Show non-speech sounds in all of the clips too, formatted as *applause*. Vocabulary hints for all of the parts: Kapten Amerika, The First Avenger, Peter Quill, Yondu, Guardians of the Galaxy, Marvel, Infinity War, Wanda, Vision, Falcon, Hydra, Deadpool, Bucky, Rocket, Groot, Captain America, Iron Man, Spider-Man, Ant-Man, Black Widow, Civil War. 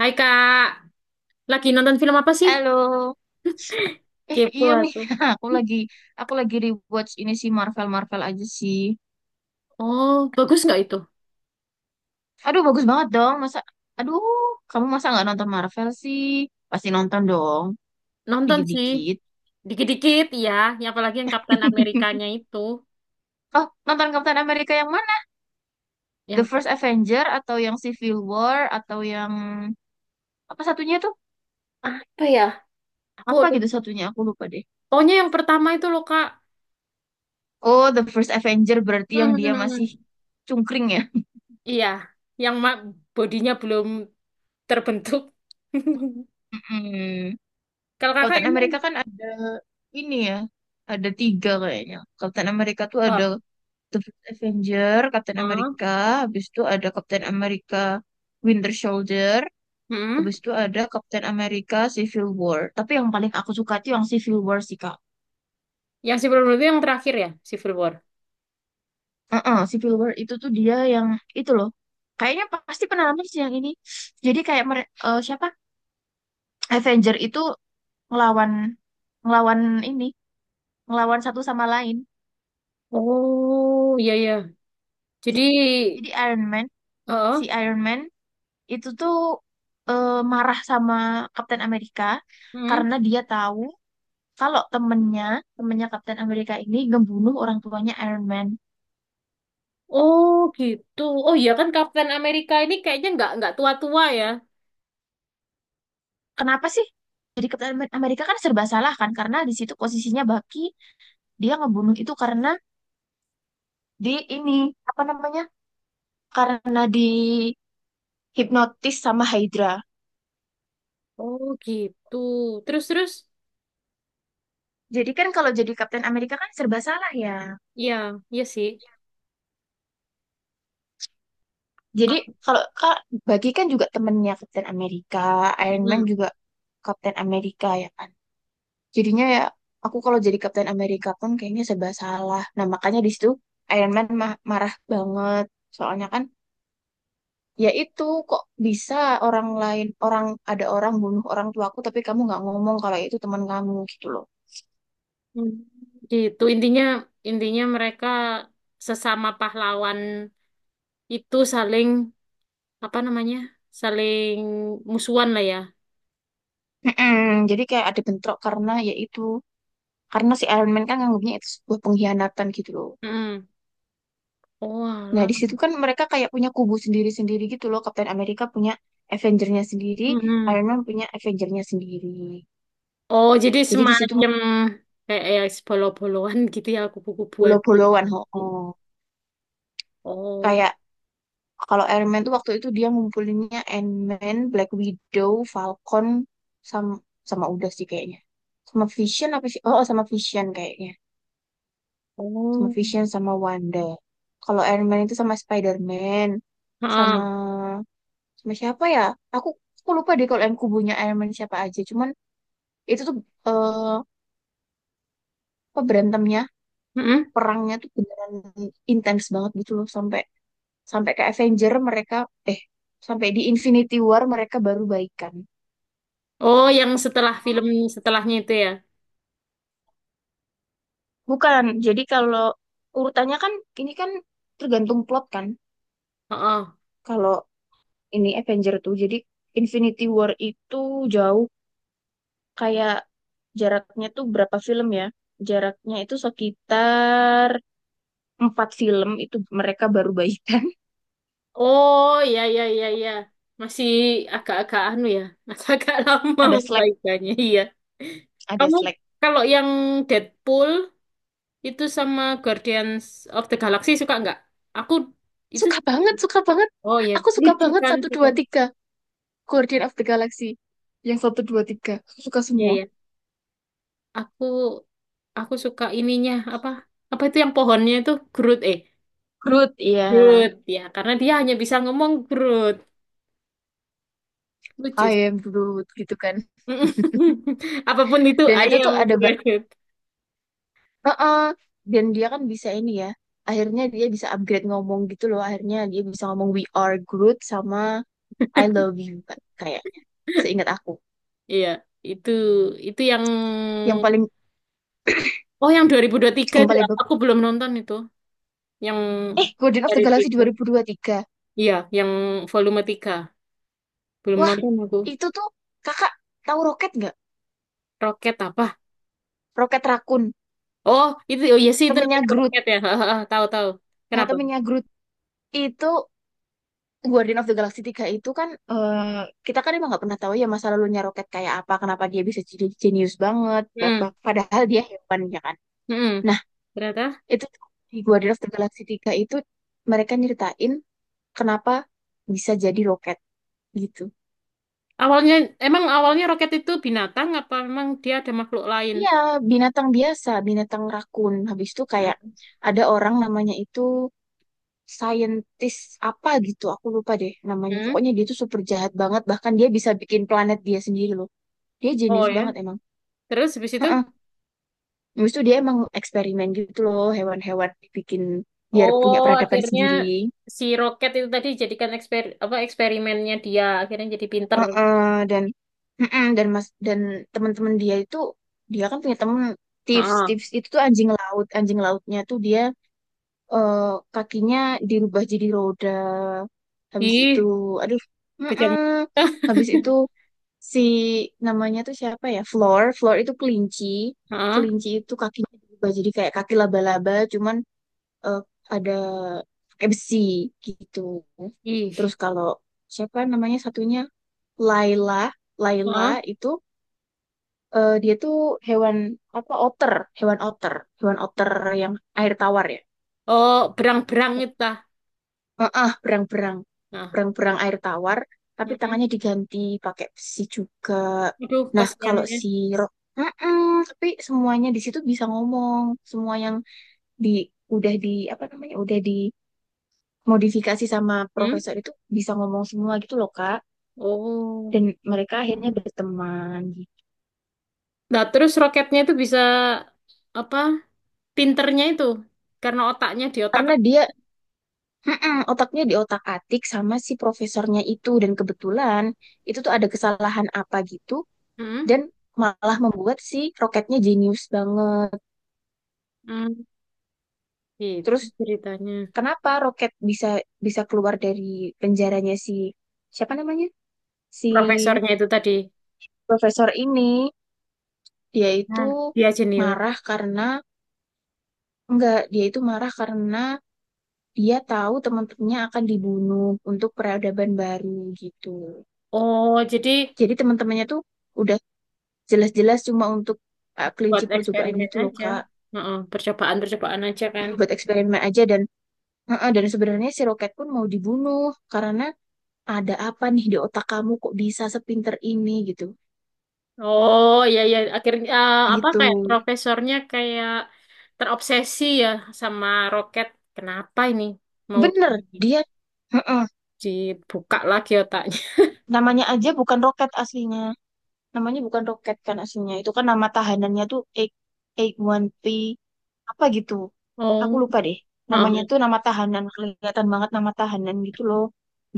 Hai Kak, lagi nonton film apa sih? Halo, eh Kepo iya nih, aku. *laughs* aku lagi aku lagi rewatch ini sih Marvel Marvel aja sih. Oh, bagus nggak itu? Aduh bagus banget dong, masa, aduh kamu masa nggak nonton Marvel sih? Pasti nonton dong, Nonton sih, dikit-dikit. dikit-dikit iya, ya. Yang apalagi yang Kapten *laughs* Amerikanya itu. Oh nonton Captain America yang mana? The Yang First Avenger atau yang Civil War atau yang apa satunya tuh? apa ya? Aku Apa gitu satunya? Aku lupa deh. Pokoknya yang pertama itu loh, Kak. Oh The First Avenger *laughs* berarti yang dia masih Hmm, cungkring ya? iya, yang ma- bodinya belum terbentuk. *laughs* *laughs* Mm-mm. Kalau Kakak Kapten emang, Amerika kan ada ini ya, ada tiga kayaknya. Kapten Amerika tuh ada oh, The First Avenger, Kapten oh, Amerika, habis itu ada Kapten Amerika Winter Soldier, hmm, habis itu ada Kapten Amerika Civil War. Tapi yang paling aku suka tuh yang Civil War sih, Kak. yang Civil War itu yang terakhir ya, Civil War. Heeh, Civil War itu tuh dia yang itu loh. Kayaknya pasti pernah nonton sih yang ini. Jadi kayak siapa? Avenger itu ngelawan ngelawan ini, ngelawan satu sama lain. Oh, iya iya. Jadi Jadi, jadi Iron Man, si oh, Iron Man itu tuh marah sama Kapten Amerika hmm. karena dia tahu kalau temennya Kapten Amerika ini ngebunuh orang tuanya Iron Man. Oh gitu. Oh iya, kan Kapten Amerika ini kayaknya nggak tua-tua ya. Kenapa sih? Jadi Kapten Amerika kan serba salah kan karena di situ posisinya Bucky dia ngebunuh itu karena di ini apa namanya? Karena di hipnotis sama Hydra. Oh gitu. Terus, terus. Jadi kan kalau jadi Kapten Amerika kan serba salah ya. Iya, iya sih. Jadi Kap- kalau Kak Bucky kan juga temennya Kapten Amerika, Iron Man Hmm. juga Kapten Amerika ya kan. Jadinya ya aku kalau jadi Kapten Amerika pun kayaknya serba salah. Nah, makanya di situ Iron Man marah banget. Soalnya kan ya itu kok bisa orang lain orang ada orang bunuh orang tuaku tapi kamu nggak ngomong kalau itu teman kamu gitu loh. Hmm. Gitu. Intinya Intinya mereka sesama pahlawan itu saling apa namanya? Saling musuhan lah ya. Mm-mm. Jadi kayak ada bentrok karena ya itu karena si Iron Man kan nganggapnya itu sebuah pengkhianatan gitu loh. Hmm. Oh Nah, alah. di situ kan mereka kayak punya kubu sendiri-sendiri gitu loh. Kapten Amerika punya Avenger-nya sendiri, Hmm. Iron Man punya Avenger-nya sendiri. Oh, jadi Jadi di situ semacam kayak ya bolo-boloan gitu ya, kubu-kubuan gitu. Puluh-puluhan, ho Hmm. Oh. Oh. Kayak kalau Iron Man tuh waktu itu dia ngumpulinnya Ant-Man, Black Widow, Falcon, sama, sama udah sih kayaknya. Sama Vision apa sih? Oh, oh, sama Vision kayaknya. Sama Oh. Vision sama Wanda. Kalau Iron Man itu sama Spider-Man, sama Ah. sama siapa ya? Aku, aku lupa deh kalau yang kubunya Iron Man siapa aja. Cuman itu tuh eh, apa berantemnya, Mm-mm. perangnya tuh beneran intens banget gitu loh sampai sampai ke Avenger mereka eh sampai di Infinity War mereka baru baikan. Oh, yang setelah film setelahnya itu ya. Bukan. Jadi kalau urutannya kan ini kan tergantung plot kan. Oh, Kalau ini Avenger tuh jadi Infinity War itu jauh kayak jaraknya tuh berapa film ya? Jaraknya itu sekitar empat film itu mereka baru baikan. oh, ya, ya, ya, ya. Masih agak-agak anu ya, agak-agak *laughs* lama *laughs* Ada Slack, perbaikannya. Iya. ada Kamu Slack. kalau yang Deadpool itu sama Guardians of the Galaxy suka nggak? Aku itu Suka suka. banget, suka banget. Oh ya, Aku suka lucu banget kan, satu suka. dua tiga Guardian of the Galaxy. Yang satu dua tiga, aku suka Iya, semua. ya. Aku aku suka ininya apa? Apa itu yang pohonnya itu Groot eh Groot, iya. Groot ya, karena dia hanya bisa ngomong Groot. Lucu. I am Groot gitu kan. *laughs* Apapun itu Dan I itu am tuh ada great. Heeh. Dan dia kan bisa ini ya. Akhirnya dia bisa upgrade ngomong gitu loh. Akhirnya dia bisa ngomong we are Groot sama I love you Kak, kayak seingat aku. Iya, itu itu yang Yang paling oh yang 2023 yang itu ya? paling bag- Aku belum nonton itu. Yang eh Guardian of the dari Galaxy tiga. 2023. Iya, yang volume 3 belum Wah, nonton aku. itu tuh Kakak tahu Roket nggak? Roket apa? Roket Rakun, Oh, itu oh iya sih itu temennya namanya Groot. roket ya. *laughs* Tahu, tahu. Nah, Kenapa? temennya Groot itu Guardian of the Galaxy Tiga itu kan kita kan emang nggak pernah tahu ya masa lalunya Rocket kayak apa, kenapa dia bisa jadi jenius banget, Hmm. Padahal dia hewan ya kan. Hmm. Nah, Ternyata itu tuh di Guardian of the Galaxy Tiga itu mereka nyeritain kenapa bisa jadi Rocket gitu. awalnya, emang awalnya roket itu binatang apa memang dia ada makhluk lain? Iya, binatang biasa, binatang rakun. Habis itu kayak Hmm. ada orang namanya itu saintis apa gitu, aku lupa deh namanya. Hmm. Pokoknya dia tuh super jahat banget, bahkan dia bisa bikin planet dia sendiri loh. Dia Oh jenius ya. banget emang. Terus habis itu? *laughs* Habis itu dia emang eksperimen gitu loh, hewan-hewan dibikin biar punya Oh, peradaban akhirnya sendiri. si Roket itu tadi jadikan eksperimennya dia akhirnya jadi pinter. Heeh, dan mas dan teman-teman dia itu dia kan punya temen tips Heeh. tips itu tuh anjing laut anjing lautnya tuh dia eh, kakinya dirubah jadi roda habis itu Ih, aduh kejam. heeh, *laughs* habis itu si namanya tuh siapa ya Floor Floor itu kelinci. Heeh. Kelinci itu kakinya dirubah jadi kayak kaki laba-laba cuman eh, ada pakai besi gitu. Ih. Terus kalau siapa namanya satunya Laila, Laila Heeh. itu dia tuh hewan apa otter, hewan otter, hewan otter yang air tawar ya. Oh, berang-berang itu tah. Heeh, berang-berang, Nah. berang-berang air tawar, tapi Heeh. tangannya diganti pakai besi juga. Aduh, Nah, kalau kasihannya. si Heeh, tapi semuanya di situ bisa ngomong, semua yang di udah di apa namanya, udah di modifikasi sama Hmm? profesor itu bisa ngomong semua gitu loh Kak Oh. dan mereka akhirnya berteman gitu. Nah, terus roketnya itu bisa apa? Pinternya itu karena otaknya di otak. Karena dia mm-mm, otaknya diotak-atik sama si profesornya itu dan kebetulan itu tuh ada kesalahan apa gitu Hmm? dan malah membuat si roketnya jenius banget Hmm. Gitu terus ceritanya. kenapa roket bisa bisa keluar dari penjaranya si siapa namanya si Profesornya itu tadi. profesor ini dia Nah, itu dia jenius. marah karena enggak dia itu marah karena dia tahu teman-temannya akan dibunuh untuk peradaban baru gitu. Oh, jadi Jadi teman-temannya tuh udah jelas-jelas cuma untuk buat kelinci percobaan eksperimen gitu loh aja. Kak, Heeh, percobaan-percobaan aja *clears throat* kan. *laughs* buat eksperimen aja dan Heeh, dan sebenarnya si Roket pun mau dibunuh karena ada apa nih di otak kamu kok bisa sepinter ini gitu. Oh iya iya akhirnya eh, apa Gitu. kayak profesornya kayak terobsesi ya sama roket. Kenapa ini mau Bener, di- dia heeh, dibuka lagi otaknya? namanya aja bukan Roket aslinya. Namanya bukan roket kan aslinya. Itu kan nama tahanannya tuh A-1P apa gitu. Aku Oh, lupa deh. Namanya heeh. tuh nama tahanan. Kelihatan banget nama tahanan gitu loh.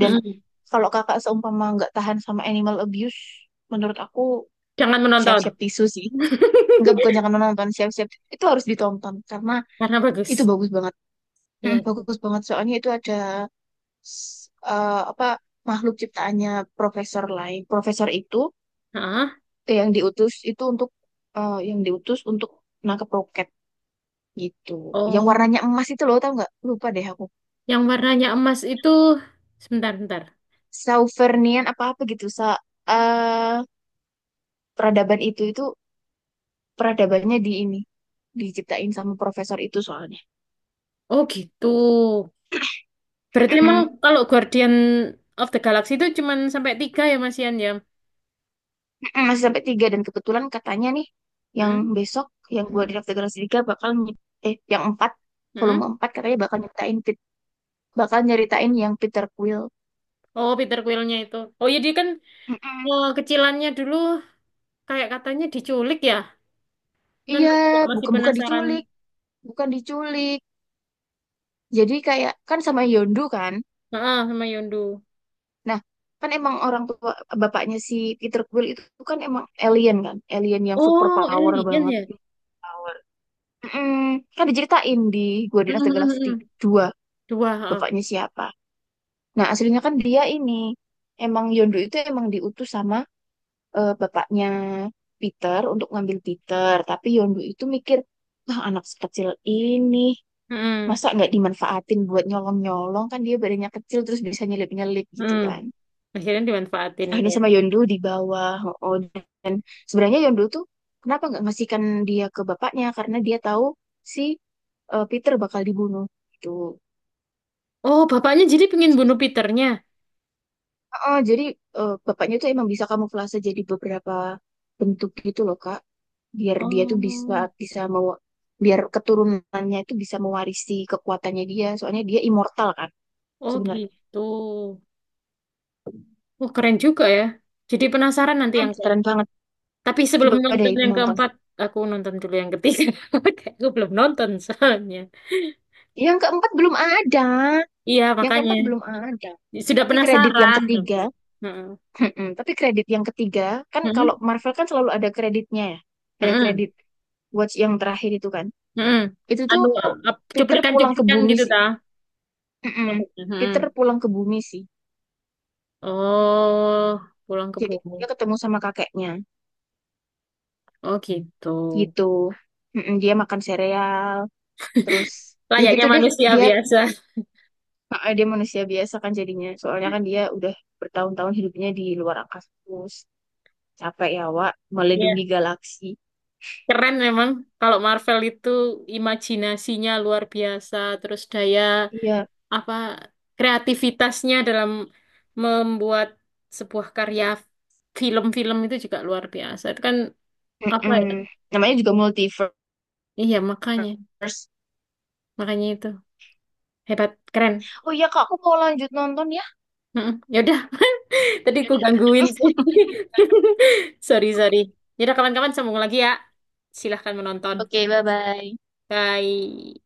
Dan kalau kakak seumpama nggak tahan sama animal abuse, menurut aku Jangan menonton siap-siap tisu sih. Nggak bukan *laughs* jangan menonton, siap-siap. Itu harus ditonton. Karena karena bagus. itu bagus banget. Hmm, Iya sih. bagus banget. Soalnya itu ada s- apa makhluk ciptaannya Profesor lain. Profesor itu Heeh. Yang diutus itu untuk yang diutus untuk nangkep roket gitu. Yang Oh, warnanya emas itu loh, tau nggak? Lupa deh aku. yang warnanya emas itu sebentar-bentar. Sauvernian apa-apa gitu. Eh, peradaban itu peradabannya di ini diciptain sama profesor itu soalnya. Oh gitu. Berarti emang Mm-mm. kalau Guardian of the Galaxy itu cuman sampai tiga ya Mas Ian ya? Mm-mm, masih sampai tiga dan kebetulan katanya nih yang Hmm? besok yang gua diintegrasi tiga bakal yang empat Hmm? volume empat katanya bakal bakal nyeritain yang Peter Quill. Oh Peter Quill-nya itu. Oh ya dia kan Mm-mm. eh, kecilannya dulu kayak katanya diculik ya. Dia kan Iya, juga masih bukan bukan penasaran. diculik, bukan diculik. Jadi kayak kan sama Yondu kan. Heeh, sama Yondu. Nah, kan emang orang tua bapaknya si Peter Quill itu kan emang alien kan, alien yang super Oh power alien banget. ya? Power. Mm, Kan diceritain di Hmm, Guardian of the hmm, hmm, Galaxy hmm. 2 Dua, heeh. bapaknya siapa. Nah, aslinya kan dia ini emang Yondu itu emang diutus sama bapaknya Peter untuk ngambil Peter, tapi Yondu itu mikir, "Wah, anak sekecil ini Hmm. masa nggak dimanfaatin buat nyolong-nyolong kan dia badannya kecil terus bisa nyelip-nyelip gitu Hmm. kan." Akhirnya dimanfaatin Akhirnya tuh. sama Yondu di bawah. Oh, oh, dan sebenarnya Yondu tuh kenapa nggak ngasihkan dia ke bapaknya? Karena dia tahu si Peter bakal dibunuh. Gitu. Oh bapaknya jadi pengen bunuh Peternya. Oh, jadi bapaknya tuh emang bisa kamuflase jadi beberapa bentuk gitu loh, Kak. Biar dia tuh bisa Oh, bisa mau biar keturunannya itu bisa mewarisi kekuatannya dia. Soalnya dia immortal kan oh sebenarnya. gitu. Oh keren juga ya. Jadi penasaran nanti Hmm, yang ke keren banget. tapi sebelum Coba deh nonton yang nonton. keempat, aku nonton dulu yang ketiga. *laughs* Kayak aku belum nonton soalnya. Yang keempat belum ada. Iya, Yang makanya. keempat belum ada. Sudah Tapi kredit yang penasaran tapi. ketiga, Heeh. Mm-mm. Tapi kredit yang ketiga, kan Heeh. kalau Marvel kan selalu ada kreditnya ya. Ada Heeh. kredit Watch yang terakhir itu kan. Heeh. Itu tuh Anu, ap- Peter pulang ke cuplikan-cuplikan bumi gitu sih. dah. Mm-mm. Heeh. Peter pulang ke bumi sih. Oh, pulang ke Jadi dia bumi. ketemu sama kakeknya Oh gitu. gitu. Mm-mm. Dia makan sereal, terus ya Layaknya gitu deh manusia dia biasa. dia manusia biasa kan jadinya. Soalnya kan dia udah bertahun-tahun hidupnya di luar angkasa terus capek ya Wak Iya, melindungi galaksi. keren memang. Kalau Marvel itu imajinasinya luar biasa, terus daya Iya, apa kreativitasnya dalam membuat sebuah karya film-film itu juga luar biasa. Itu kan apa ya? Mm-mm. Namanya juga multiverse. Iya, makanya. Makanya itu. Hebat, keren. Oh iya kak, aku mau lanjut nonton ya. Mm-mm. Ya udah, *laughs* tadi aku gangguin sih. *laughs* Sorry, sorry. Ya udah kawan-kawan sambung lagi ya. Silahkan menonton. Oke, bye-bye. Bye.